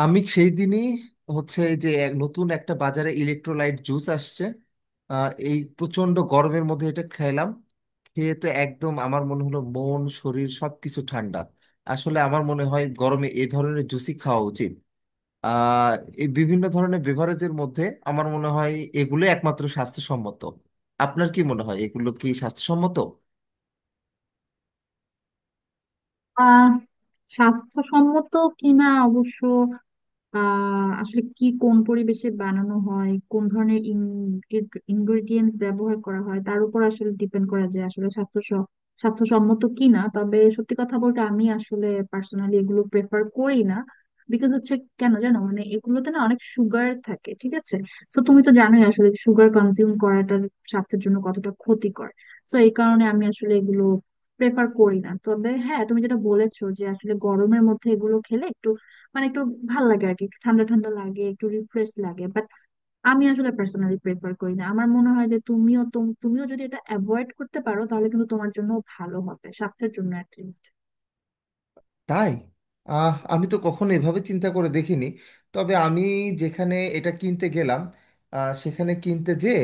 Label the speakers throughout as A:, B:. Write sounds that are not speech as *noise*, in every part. A: আমি সেই দিনই হচ্ছে যে এক নতুন একটা বাজারে ইলেকট্রোলাইট জুস আসছে। এই প্রচন্ড গরমের মধ্যে এটা খেলাম, খেয়ে তো একদম আমার মনে হলো মন শরীর সবকিছু ঠান্ডা। আসলে আমার মনে হয় গরমে এই ধরনের জুসই খাওয়া উচিত। আহ এই বিভিন্ন ধরনের বেভারেজের মধ্যে আমার মনে হয় এগুলো একমাত্র স্বাস্থ্যসম্মত। আপনার কি মনে হয় এগুলো কি স্বাস্থ্যসম্মত?
B: আহ স্বাস্থ্যসম্মত কিনা অবশ্য, আসলে কি কোন পরিবেশে বানানো হয়, কোন ধরনের ইনগ্রেডিয়েন্টস ব্যবহার করা হয় তার উপর আসলে ডিপেন্ড করা যায় আসলে স্বাস্থ্যসম্মত কি না। তবে সত্যি কথা বলতে আমি আসলে পার্সোনালি এগুলো প্রেফার করি না, বিকজ হচ্ছে কেন জানো মানে এগুলোতে না অনেক সুগার থাকে, ঠিক আছে? তো তুমি তো জানোই আসলে সুগার কনজিউম করাটা স্বাস্থ্যের জন্য কতটা ক্ষতিকর। তো এই কারণে আমি আসলে এগুলো প্রেফার করি না। তবে হ্যাঁ, তুমি যেটা বলেছো যে আসলে গরমের মধ্যে এগুলো খেলে মানে একটু ভাল লাগে আর কি, একটু ঠান্ডা ঠান্ডা লাগে, একটু রিফ্রেশ লাগে, বাট আমি আসলে পার্সোনালি প্রেফার করি না। আমার মনে হয় যে তুমিও যদি এটা অ্যাভয়েড করতে পারো তাহলে কিন্তু তোমার জন্য ভালো হবে, স্বাস্থ্যের জন্য অ্যাটলিস্ট।
A: তাই? আমি তো কখনো এভাবে চিন্তা করে দেখিনি। তবে আমি যেখানে এটা কিনতে গেলাম, সেখানে কিনতে যেয়ে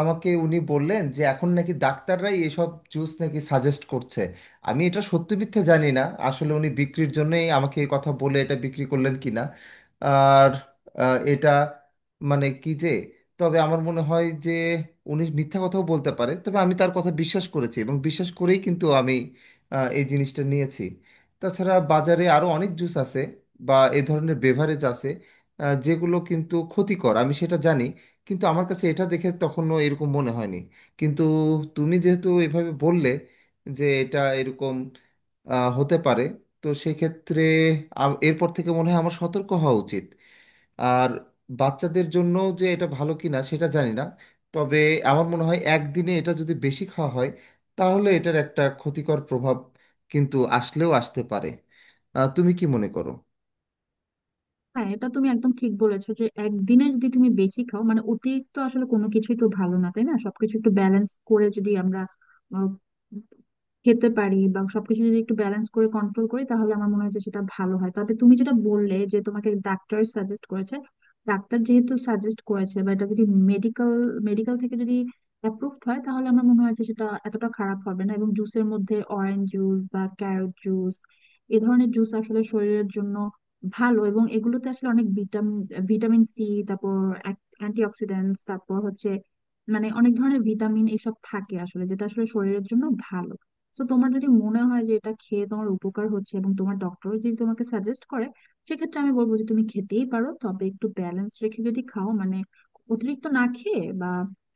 A: আমাকে উনি বললেন যে এখন নাকি ডাক্তাররাই এসব জুস নাকি সাজেস্ট করছে। আমি এটা সত্যি মিথ্যে জানি না, আসলে উনি বিক্রির জন্যই আমাকে এই কথা বলে এটা বিক্রি করলেন কিনা। আর এটা মানে কি যে, তবে আমার মনে হয় যে উনি মিথ্যা কথাও বলতে পারে, তবে আমি তার কথা বিশ্বাস করেছি এবং বিশ্বাস করেই কিন্তু আমি এই জিনিসটা নিয়েছি। তাছাড়া বাজারে আরো অনেক জুস আছে বা এ ধরনের বেভারেজ আছে, যেগুলো কিন্তু ক্ষতিকর আমি সেটা জানি। কিন্তু আমার কাছে এটা দেখে তখনও এরকম মনে হয়নি। কিন্তু তুমি যেহেতু এভাবে বললে যে এটা এরকম হতে পারে, তো সেক্ষেত্রে এরপর থেকে মনে হয় আমার সতর্ক হওয়া উচিত। আর বাচ্চাদের জন্য যে এটা ভালো কিনা সেটা জানি না, তবে আমার মনে হয় একদিনে এটা যদি বেশি খাওয়া হয় তাহলে এটার একটা ক্ষতিকর প্রভাব কিন্তু আসলেও আসতে পারে। তুমি কি মনে করো?
B: হ্যাঁ, এটা তুমি একদম ঠিক বলেছো যে একদিনে যদি তুমি বেশি খাও মানে অতিরিক্ত, আসলে কোনো কিছুই তো ভালো না, তাই না? সবকিছু একটু ব্যালেন্স করে যদি আমরা খেতে পারি বা সবকিছু যদি একটু ব্যালেন্স করে কন্ট্রোল করি তাহলে আমার মনে হয় যে সেটা ভালো হয়। তবে তুমি যেটা বললে যে তোমাকে ডাক্তার সাজেস্ট করেছে, ডাক্তার যেহেতু সাজেস্ট করেছে বা এটা যদি মেডিকেল মেডিকেল থেকে যদি অ্যাপ্রুভ হয় তাহলে আমার মনে হয় যে সেটা এতটা খারাপ হবে না। এবং জুসের মধ্যে অরেঞ্জ জুস বা ক্যারট জুস, এ ধরনের জুস আসলে শরীরের জন্য ভালো, এবং এগুলোতে আসলে অনেক ভিটামিন ভিটামিন সি, তারপর অ্যান্টি অক্সিডেন্টস, তারপর হচ্ছে মানে অনেক ধরনের ভিটামিন এসব থাকে আসলে, যেটা আসলে শরীরের জন্য ভালো। তো তোমার যদি মনে হয় যে এটা খেয়ে তোমার উপকার হচ্ছে এবং তোমার ডক্টর যদি তোমাকে সাজেস্ট করে, সেক্ষেত্রে আমি বলবো যে তুমি খেতেই পারো। তবে একটু ব্যালেন্স রেখে যদি খাও, মানে অতিরিক্ত না খেয়ে বা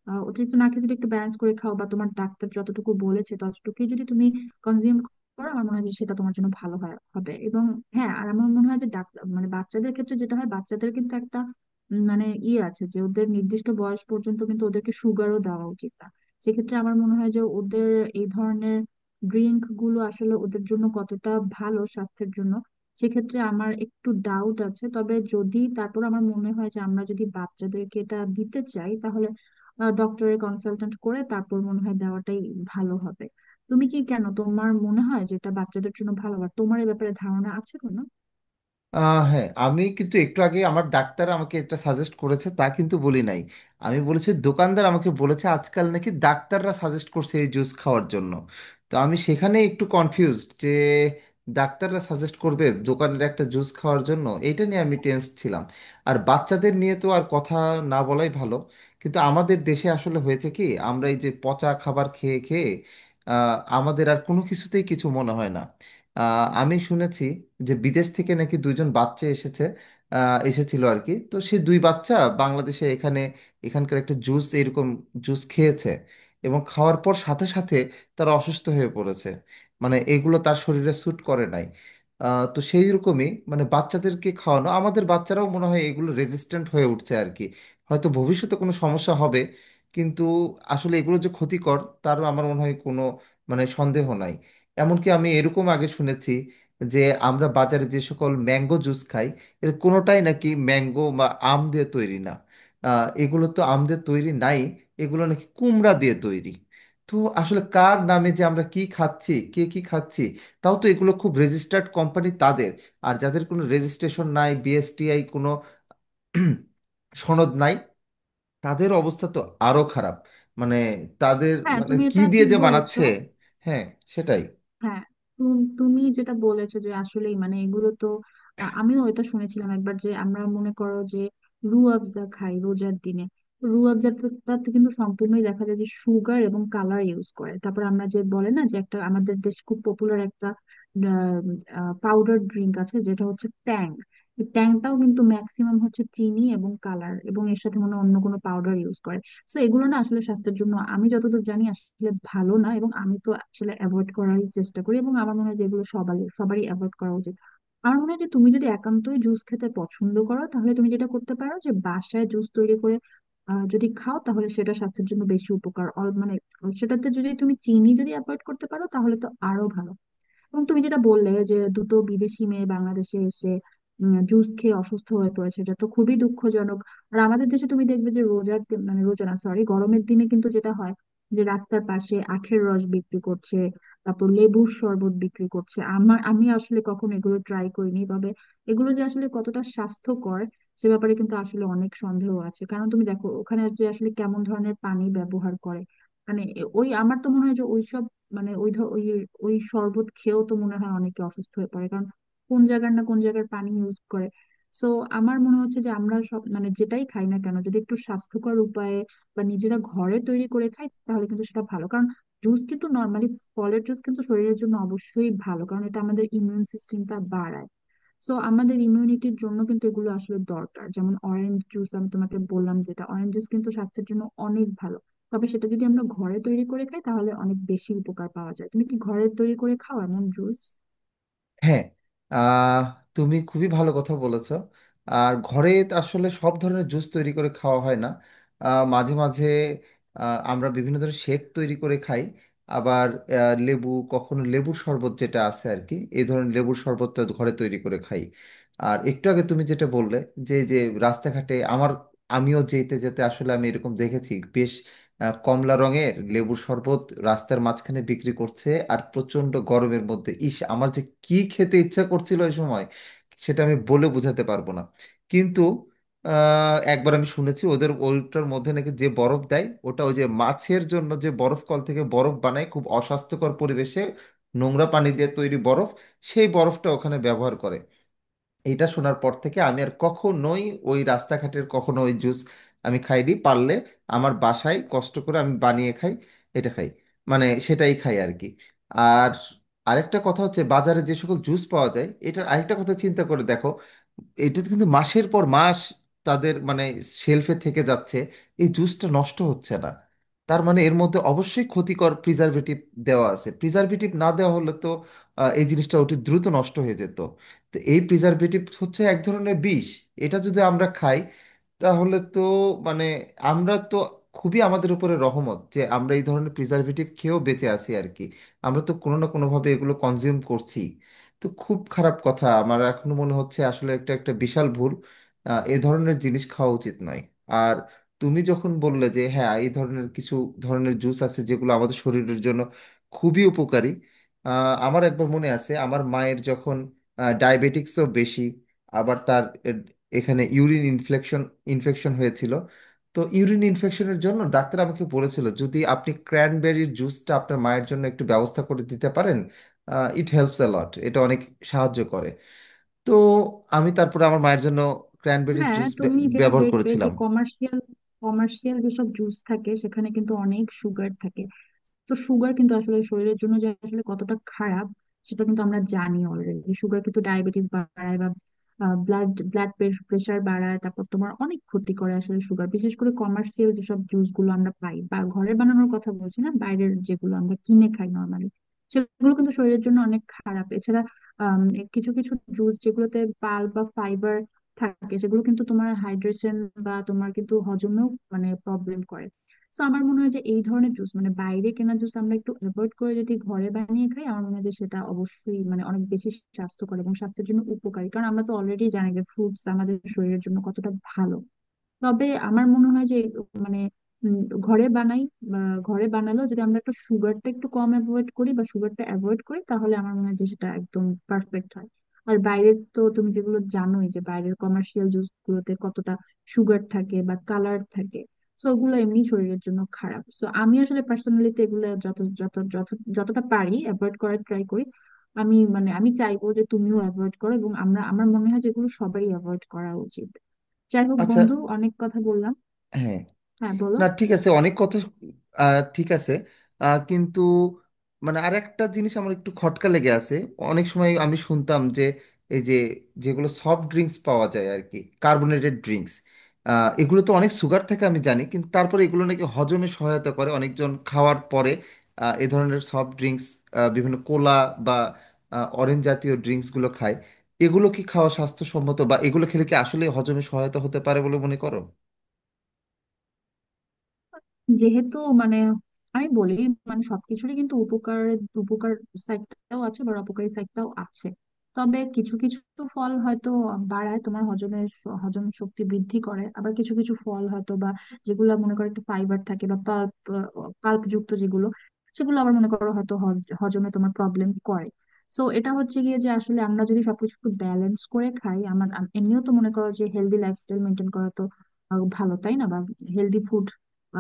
B: অতিরিক্ত না খেয়ে যদি একটু ব্যালেন্স করে খাও বা তোমার ডাক্তার যতটুকু বলেছে ততটুকুই যদি তুমি কনজিউম করো, আমার মনে হয় যে সেটা তোমার জন্য ভালো হবে। এবং হ্যাঁ, আর আমার মনে হয় যে ডাক্তার মানে বাচ্চাদের ক্ষেত্রে যেটা হয়, বাচ্চাদের কিন্তু একটা মানে ইয়ে আছে যে ওদের নির্দিষ্ট বয়স পর্যন্ত কিন্তু ওদেরকে সুগারও দেওয়া উচিত না। সেক্ষেত্রে আমার মনে হয় যে ওদের এই ধরনের ড্রিঙ্ক গুলো আসলে ওদের জন্য কতটা ভালো স্বাস্থ্যের জন্য, সেক্ষেত্রে আমার একটু ডাউট আছে। তবে যদি তারপর আমার মনে হয় যে আমরা যদি বাচ্চাদেরকে এটা দিতে চাই তাহলে ডক্টরের কনসালটেন্ট করে তারপর মনে হয় দেওয়াটাই ভালো হবে। তুমি কি কেন তোমার মনে হয় যে এটা বাচ্চাদের জন্য ভালো? আর তোমার এই ব্যাপারে ধারণা আছে কোনো?
A: হ্যাঁ, আমি কিন্তু একটু আগে আমার ডাক্তার আমাকে এটা সাজেস্ট করেছে তা কিন্তু বলি নাই। আমি বলেছি দোকানদার আমাকে বলেছে আজকাল নাকি ডাক্তাররা সাজেস্ট করছে এই জুস খাওয়ার জন্য। তো আমি সেখানে একটু কনফিউজড যে ডাক্তাররা সাজেস্ট করবে দোকানের একটা জুস খাওয়ার জন্য, এইটা নিয়ে আমি টেন্স ছিলাম। আর বাচ্চাদের নিয়ে তো আর কথা না বলাই ভালো। কিন্তু আমাদের দেশে আসলে হয়েছে কি, আমরা এই যে পচা খাবার খেয়ে খেয়ে আমাদের আর কোনো কিছুতেই কিছু মনে হয় না। আমি শুনেছি যে বিদেশ থেকে নাকি দুইজন বাচ্চা এসেছে, এসেছিল আর কি, তো সেই দুই বাচ্চা বাংলাদেশে এখানে এখানকার একটা জুস এরকম জুস খেয়েছে এবং খাওয়ার পর সাথে সাথে তারা অসুস্থ হয়ে পড়েছে। মানে এগুলো তার শরীরে স্যুট করে নাই। তো সেই রকমই মানে বাচ্চাদেরকে খাওয়ানো আমাদের বাচ্চারাও মনে হয় এগুলো রেজিস্ট্যান্ট হয়ে উঠছে আর কি। হয়তো ভবিষ্যতে কোনো সমস্যা হবে। কিন্তু আসলে এগুলো যে ক্ষতিকর তারও আমার মনে হয় কোনো মানে সন্দেহ নাই। এমনকি আমি এরকম আগে শুনেছি যে আমরা বাজারে যে সকল ম্যাঙ্গো জুস খাই এর কোনোটাই নাকি ম্যাঙ্গো বা আম দিয়ে তৈরি না। এগুলো তো আম দিয়ে তৈরি নাই, এগুলো নাকি কুমড়া দিয়ে তৈরি। তো আসলে কার নামে যে আমরা কি খাচ্ছি কে কি খাচ্ছি। তাও তো এগুলো খুব রেজিস্টার্ড কোম্পানি তাদের, আর যাদের কোনো রেজিস্ট্রেশন নাই, বিএসটিআই কোনো *clears throat* সনদ নাই, তাদের অবস্থা তো আরো খারাপ। মানে তাদের
B: হ্যাঁ,
A: মানে
B: তুমি
A: কি
B: এটা
A: দিয়ে
B: ঠিক
A: যে
B: বলেছো।
A: বানাচ্ছে। হ্যাঁ, সেটাই।
B: হ্যাঁ, তুমি যেটা বলেছো যে আসলেই মানে এগুলো তো আমিও এটা শুনেছিলাম একবার, যে আমরা মনে করো যে রু আফজা খাই রোজার দিনে, রু আফজাটাতে কিন্তু সম্পূর্ণই দেখা যায় যে সুগার এবং কালার ইউজ করে। তারপর আমরা যে বলে না যে একটা আমাদের দেশ খুব পপুলার একটা পাউডার ড্রিঙ্ক আছে যেটা হচ্ছে ট্যাং, ট্যাংটাও কিন্তু ম্যাক্সিমাম হচ্ছে চিনি এবং কালার এবং এর সাথে মনে হয় অন্য কোনো পাউডার ইউজ করে। তো এগুলো না আসলে স্বাস্থ্যের জন্য, আমি যতদূর জানি আসলে ভালো না। এবং আমি তো আসলে অ্যাভয়েড করারই চেষ্টা করি, এবং আমার মনে হয় যে এগুলো সবারই সবারই অ্যাভয়েড করা উচিত। আমার মনে হয় যে তুমি যদি একান্তই জুস খেতে পছন্দ করো তাহলে তুমি যেটা করতে পারো, যে বাসায় জুস তৈরি করে যদি খাও তাহলে সেটা স্বাস্থ্যের জন্য বেশি উপকার, মানে সেটাতে যদি তুমি চিনি যদি অ্যাভয়েড করতে পারো তাহলে তো আরো ভালো। এবং তুমি যেটা বললে যে দুটো বিদেশি মেয়ে বাংলাদেশে এসে জুস খেয়ে অসুস্থ হয়ে পড়েছে, এটা তো খুবই দুঃখজনক। আর আমাদের দেশে তুমি দেখবে যে মানে রোজা না, সরি, গরমের দিনে কিন্তু যেটা হয়, যে রাস্তার পাশে আখের রস বিক্রি করছে, তারপর লেবুর শরবত বিক্রি করছে। আমার আমি আসলে কখনো এগুলো ট্রাই করিনি, তবে এগুলো যে আসলে কতটা স্বাস্থ্যকর সে ব্যাপারে কিন্তু আসলে অনেক সন্দেহ আছে, কারণ তুমি দেখো ওখানে যে আসলে কেমন ধরনের পানি ব্যবহার করে। মানে এ- ওই আমার তো মনে হয় যে ওইসব মানে ওই ধর ওই ওই শরবত খেয়েও তো মনে হয় অনেকে অসুস্থ হয়ে পড়ে, কারণ কোন জায়গার পানি ইউজ করে। সো আমার মনে হচ্ছে যে আমরা সব মানে যেটাই খাই না কেন, যদি একটু স্বাস্থ্যকর উপায়ে বা নিজেরা ঘরে তৈরি করে খাই তাহলে কিন্তু সেটা ভালো। কারণ জুস কিন্তু নর্মালি, ফলের জুস কিন্তু শরীরের জন্য অবশ্যই ভালো, কারণ এটা আমাদের ইমিউন সিস্টেমটা বাড়ায়। সো আমাদের ইমিউনিটির জন্য কিন্তু এগুলো আসলে দরকার, যেমন অরেঞ্জ জুস আমি তোমাকে বললাম, যেটা অরেঞ্জ জুস কিন্তু স্বাস্থ্যের জন্য অনেক ভালো। তবে সেটা যদি আমরা ঘরে তৈরি করে খাই তাহলে অনেক বেশি উপকার পাওয়া যায়। তুমি কি ঘরে তৈরি করে খাও এমন জুস?
A: হ্যাঁ, আহ, তুমি খুবই ভালো কথা বলেছো। আর ঘরে তো আসলে সব ধরনের জুস তৈরি করে খাওয়া হয় না। মাঝে মাঝে আমরা বিভিন্ন ধরনের শেক তৈরি করে খাই। আবার লেবু কখনো লেবুর শরবত যেটা আছে আর কি, এই ধরনের লেবুর শরবতটা ঘরে তৈরি করে খাই। আর একটু আগে তুমি যেটা বললে যে যে রাস্তাঘাটে আমার, আমিও যেতে যেতে আসলে আমি এরকম দেখেছি বেশ, কমলা রঙের লেবুর শরবত রাস্তার মাঝখানে বিক্রি করছে। আর প্রচণ্ড গরমের মধ্যে ইস আমার যে কি খেতে ইচ্ছা করছিল ওই সময়, সেটা আমি বলে বোঝাতে পারবো না। কিন্তু একবার আমি শুনেছি ওদের ওইটার মধ্যে নাকি যে বরফ দেয় ওটা ওই যে মাছের জন্য যে বরফ কল থেকে বরফ বানায় খুব অস্বাস্থ্যকর পরিবেশে, নোংরা পানি দিয়ে তৈরি বরফ, সেই বরফটা ওখানে ব্যবহার করে। এইটা শোনার পর থেকে আমি আর কখনোই ওই রাস্তাঘাটের কখনো ওই জুস আমি খাইনি। পারলে আমার বাসায় কষ্ট করে আমি বানিয়ে খাই, এটা খাই, মানে সেটাই খাই আর কি। আর আরেকটা কথা হচ্ছে বাজারে যে সকল জুস পাওয়া যায় এটার আরেকটা কথা চিন্তা করে দেখো, এটা কিন্তু মাসের পর মাস তাদের মানে শেলফে থেকে যাচ্ছে, এই জুসটা নষ্ট হচ্ছে না। তার মানে এর মধ্যে অবশ্যই ক্ষতিকর প্রিজারভেটিভ দেওয়া আছে, প্রিজারভেটিভ না দেওয়া হলে তো এই জিনিসটা অতি দ্রুত নষ্ট হয়ে যেত। তো এই প্রিজারভেটিভ হচ্ছে এক ধরনের বিষ। এটা যদি আমরা খাই তাহলে তো, মানে আমরা তো খুবই আমাদের উপরে রহমত যে আমরা এই ধরনের প্রিজারভেটিভ খেয়েও বেঁচে আছি আর কি। আমরা তো কোনো না কোনোভাবে এগুলো কনজিউম করছি। তো খুব খারাপ কথা, আমার এখনো মনে হচ্ছে আসলে একটা একটা বিশাল ভুল, এ ধরনের জিনিস খাওয়া উচিত নয়। আর তুমি যখন বললে যে হ্যাঁ এই ধরনের কিছু ধরনের জুস আছে যেগুলো আমাদের শরীরের জন্য খুবই উপকারী, আমার একবার মনে আছে আমার মায়ের যখন ডায়াবেটিক্সও বেশি, আবার তার এখানে ইউরিন ইনফেকশন ইনফেকশন হয়েছিল। তো ইউরিন ইনফেকশনের জন্য ডাক্তার আমাকে বলেছিল যদি আপনি ক্র্যানবেরির জুসটা আপনার মায়ের জন্য একটু ব্যবস্থা করে দিতে পারেন, ইট হেল্পস অ্যালট, এটা অনেক সাহায্য করে। তো আমি তারপরে আমার মায়ের জন্য ক্র্যানবেরির
B: হ্যাঁ,
A: জুস
B: তুমি যেটা
A: ব্যবহার
B: দেখবে যে
A: করেছিলাম।
B: কমার্শিয়াল কমার্শিয়াল যেসব জুস থাকে সেখানে কিন্তু অনেক সুগার থাকে। তো সুগার কিন্তু আসলে শরীরের জন্য যে আসলে কতটা খারাপ সেটা কিন্তু আমরা জানি অলরেডি। সুগার কিন্তু ডায়াবেটিস বাড়ায় বা ব্লাড ব্লাড প্রেশার বাড়ায়, তারপর তোমার অনেক ক্ষতি করে আসলে সুগার, বিশেষ করে কমার্শিয়াল যেসব জুস গুলো আমরা পাই, বা ঘরে বানানোর কথা বলছি না, বাইরের যেগুলো আমরা কিনে খাই নর্মালি, সেগুলো কিন্তু শরীরের জন্য অনেক খারাপ। এছাড়া আম, কিছু কিছু জুস যেগুলোতে পাল বা ফাইবার থাকে সেগুলো কিন্তু তোমার হাইড্রেশন বা তোমার কিন্তু হজমেও মানে প্রবলেম করে। তো আমার মনে হয় যে এই ধরনের জুস মানে বাইরে কেনা জুস আমরা একটু অ্যাভয়েড করে যদি ঘরে বানিয়ে খাই, আমার মনে হয় যে সেটা অবশ্যই মানে অনেক বেশি স্বাস্থ্যকর এবং স্বাস্থ্যের জন্য উপকারী, কারণ আমরা তো অলরেডি জানি যে ফ্রুটস আমাদের শরীরের জন্য কতটা ভালো। তবে আমার মনে হয় যে মানে উম, ঘরে বানাই বা ঘরে বানালেও যদি আমরা একটু সুগারটা একটু কম অ্যাভয়েড করি বা সুগারটা অ্যাভয়েড করি তাহলে আমার মনে হয় যে সেটা একদম পারফেক্ট হয়। আর বাইরের তো তুমি যেগুলো জানোই যে বাইরের কমার্শিয়াল জুস গুলোতে কতটা সুগার থাকে বা কালার থাকে, সো ওগুলো এমনি শরীরের জন্য খারাপ। সো আমি আসলে পার্সোনালি তো এগুলো যত যত যত যতটা পারি অ্যাভয়েড করার ট্রাই করি। আমি চাইবো যে তুমিও অ্যাভয়েড করো, এবং আমরা আমার মনে হয় যেগুলো সবারই অ্যাভয়েড করা উচিত। যাই হোক
A: আচ্ছা।
B: বন্ধু, অনেক কথা বললাম।
A: হ্যাঁ।
B: হ্যাঁ, বলো।
A: না ঠিক আছে, অনেক কথা, ঠিক আছে। কিন্তু মানে আর একটা জিনিস আমার একটু খটকা লেগে আছে। অনেক সময় আমি শুনতাম যে এই যে যেগুলো সফট ড্রিঙ্কস পাওয়া যায় আর কি, কার্বোনেটেড ড্রিঙ্কস, এগুলো তো অনেক সুগার থাকে আমি জানি, কিন্তু তারপরে এগুলো নাকি হজমে সহায়তা করে, অনেকজন খাওয়ার পরে এ ধরনের সফট ড্রিঙ্কস, বিভিন্ন কোলা বা অরেঞ্জ জাতীয় ড্রিঙ্কসগুলো খায়। এগুলো কি খাওয়া স্বাস্থ্যসম্মত, বা এগুলো খেলে কি আসলে হজমে সহায়তা হতে পারে বলে মনে করো?
B: যেহেতু মানে আমি বলি মানে সবকিছুরই কিন্তু উপকার উপকার সাইডটাও আছে বা অপকারী সাইডটাও আছে। তবে কিছু কিছু ফল হয়তো বাড়ায় তোমার হজম শক্তি বৃদ্ধি করে, আবার কিছু কিছু ফল হয়তো বা যেগুলো মনে করো একটু ফাইবার থাকে বা পাল্প পাল্প যুক্ত যেগুলো, সেগুলো আবার মনে করো হয়তো হজমে তোমার প্রবলেম করে। সো এটা হচ্ছে গিয়ে যে আসলে আমরা যদি সবকিছু একটু ব্যালেন্স করে খাই, এমনিও তো মনে করো যে হেলদি লাইফস্টাইল মেনটেন করা তো আরো ভালো, তাই না? বা হেলদি ফুড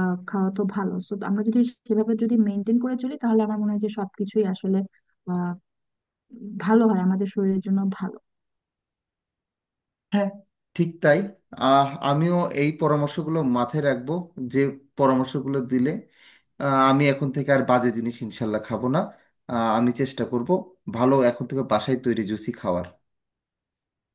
B: খাওয়া তো ভালো। তো আমরা যদি সেভাবে যদি মেনটেন করে চলি তাহলে আমার মনে হয় যে সবকিছুই আসলে আহ ভালো হয়, আমাদের শরীরের জন্য ভালো।
A: হ্যাঁ, ঠিক তাই। আমিও এই পরামর্শগুলো মাথায় রাখবো, যে পরামর্শগুলো দিলে। আমি এখন থেকে আর বাজে জিনিস ইনশাল্লাহ খাবো না। আমি চেষ্টা করব ভালো এখন থেকে বাসায় তৈরি জুসি খাওয়ার।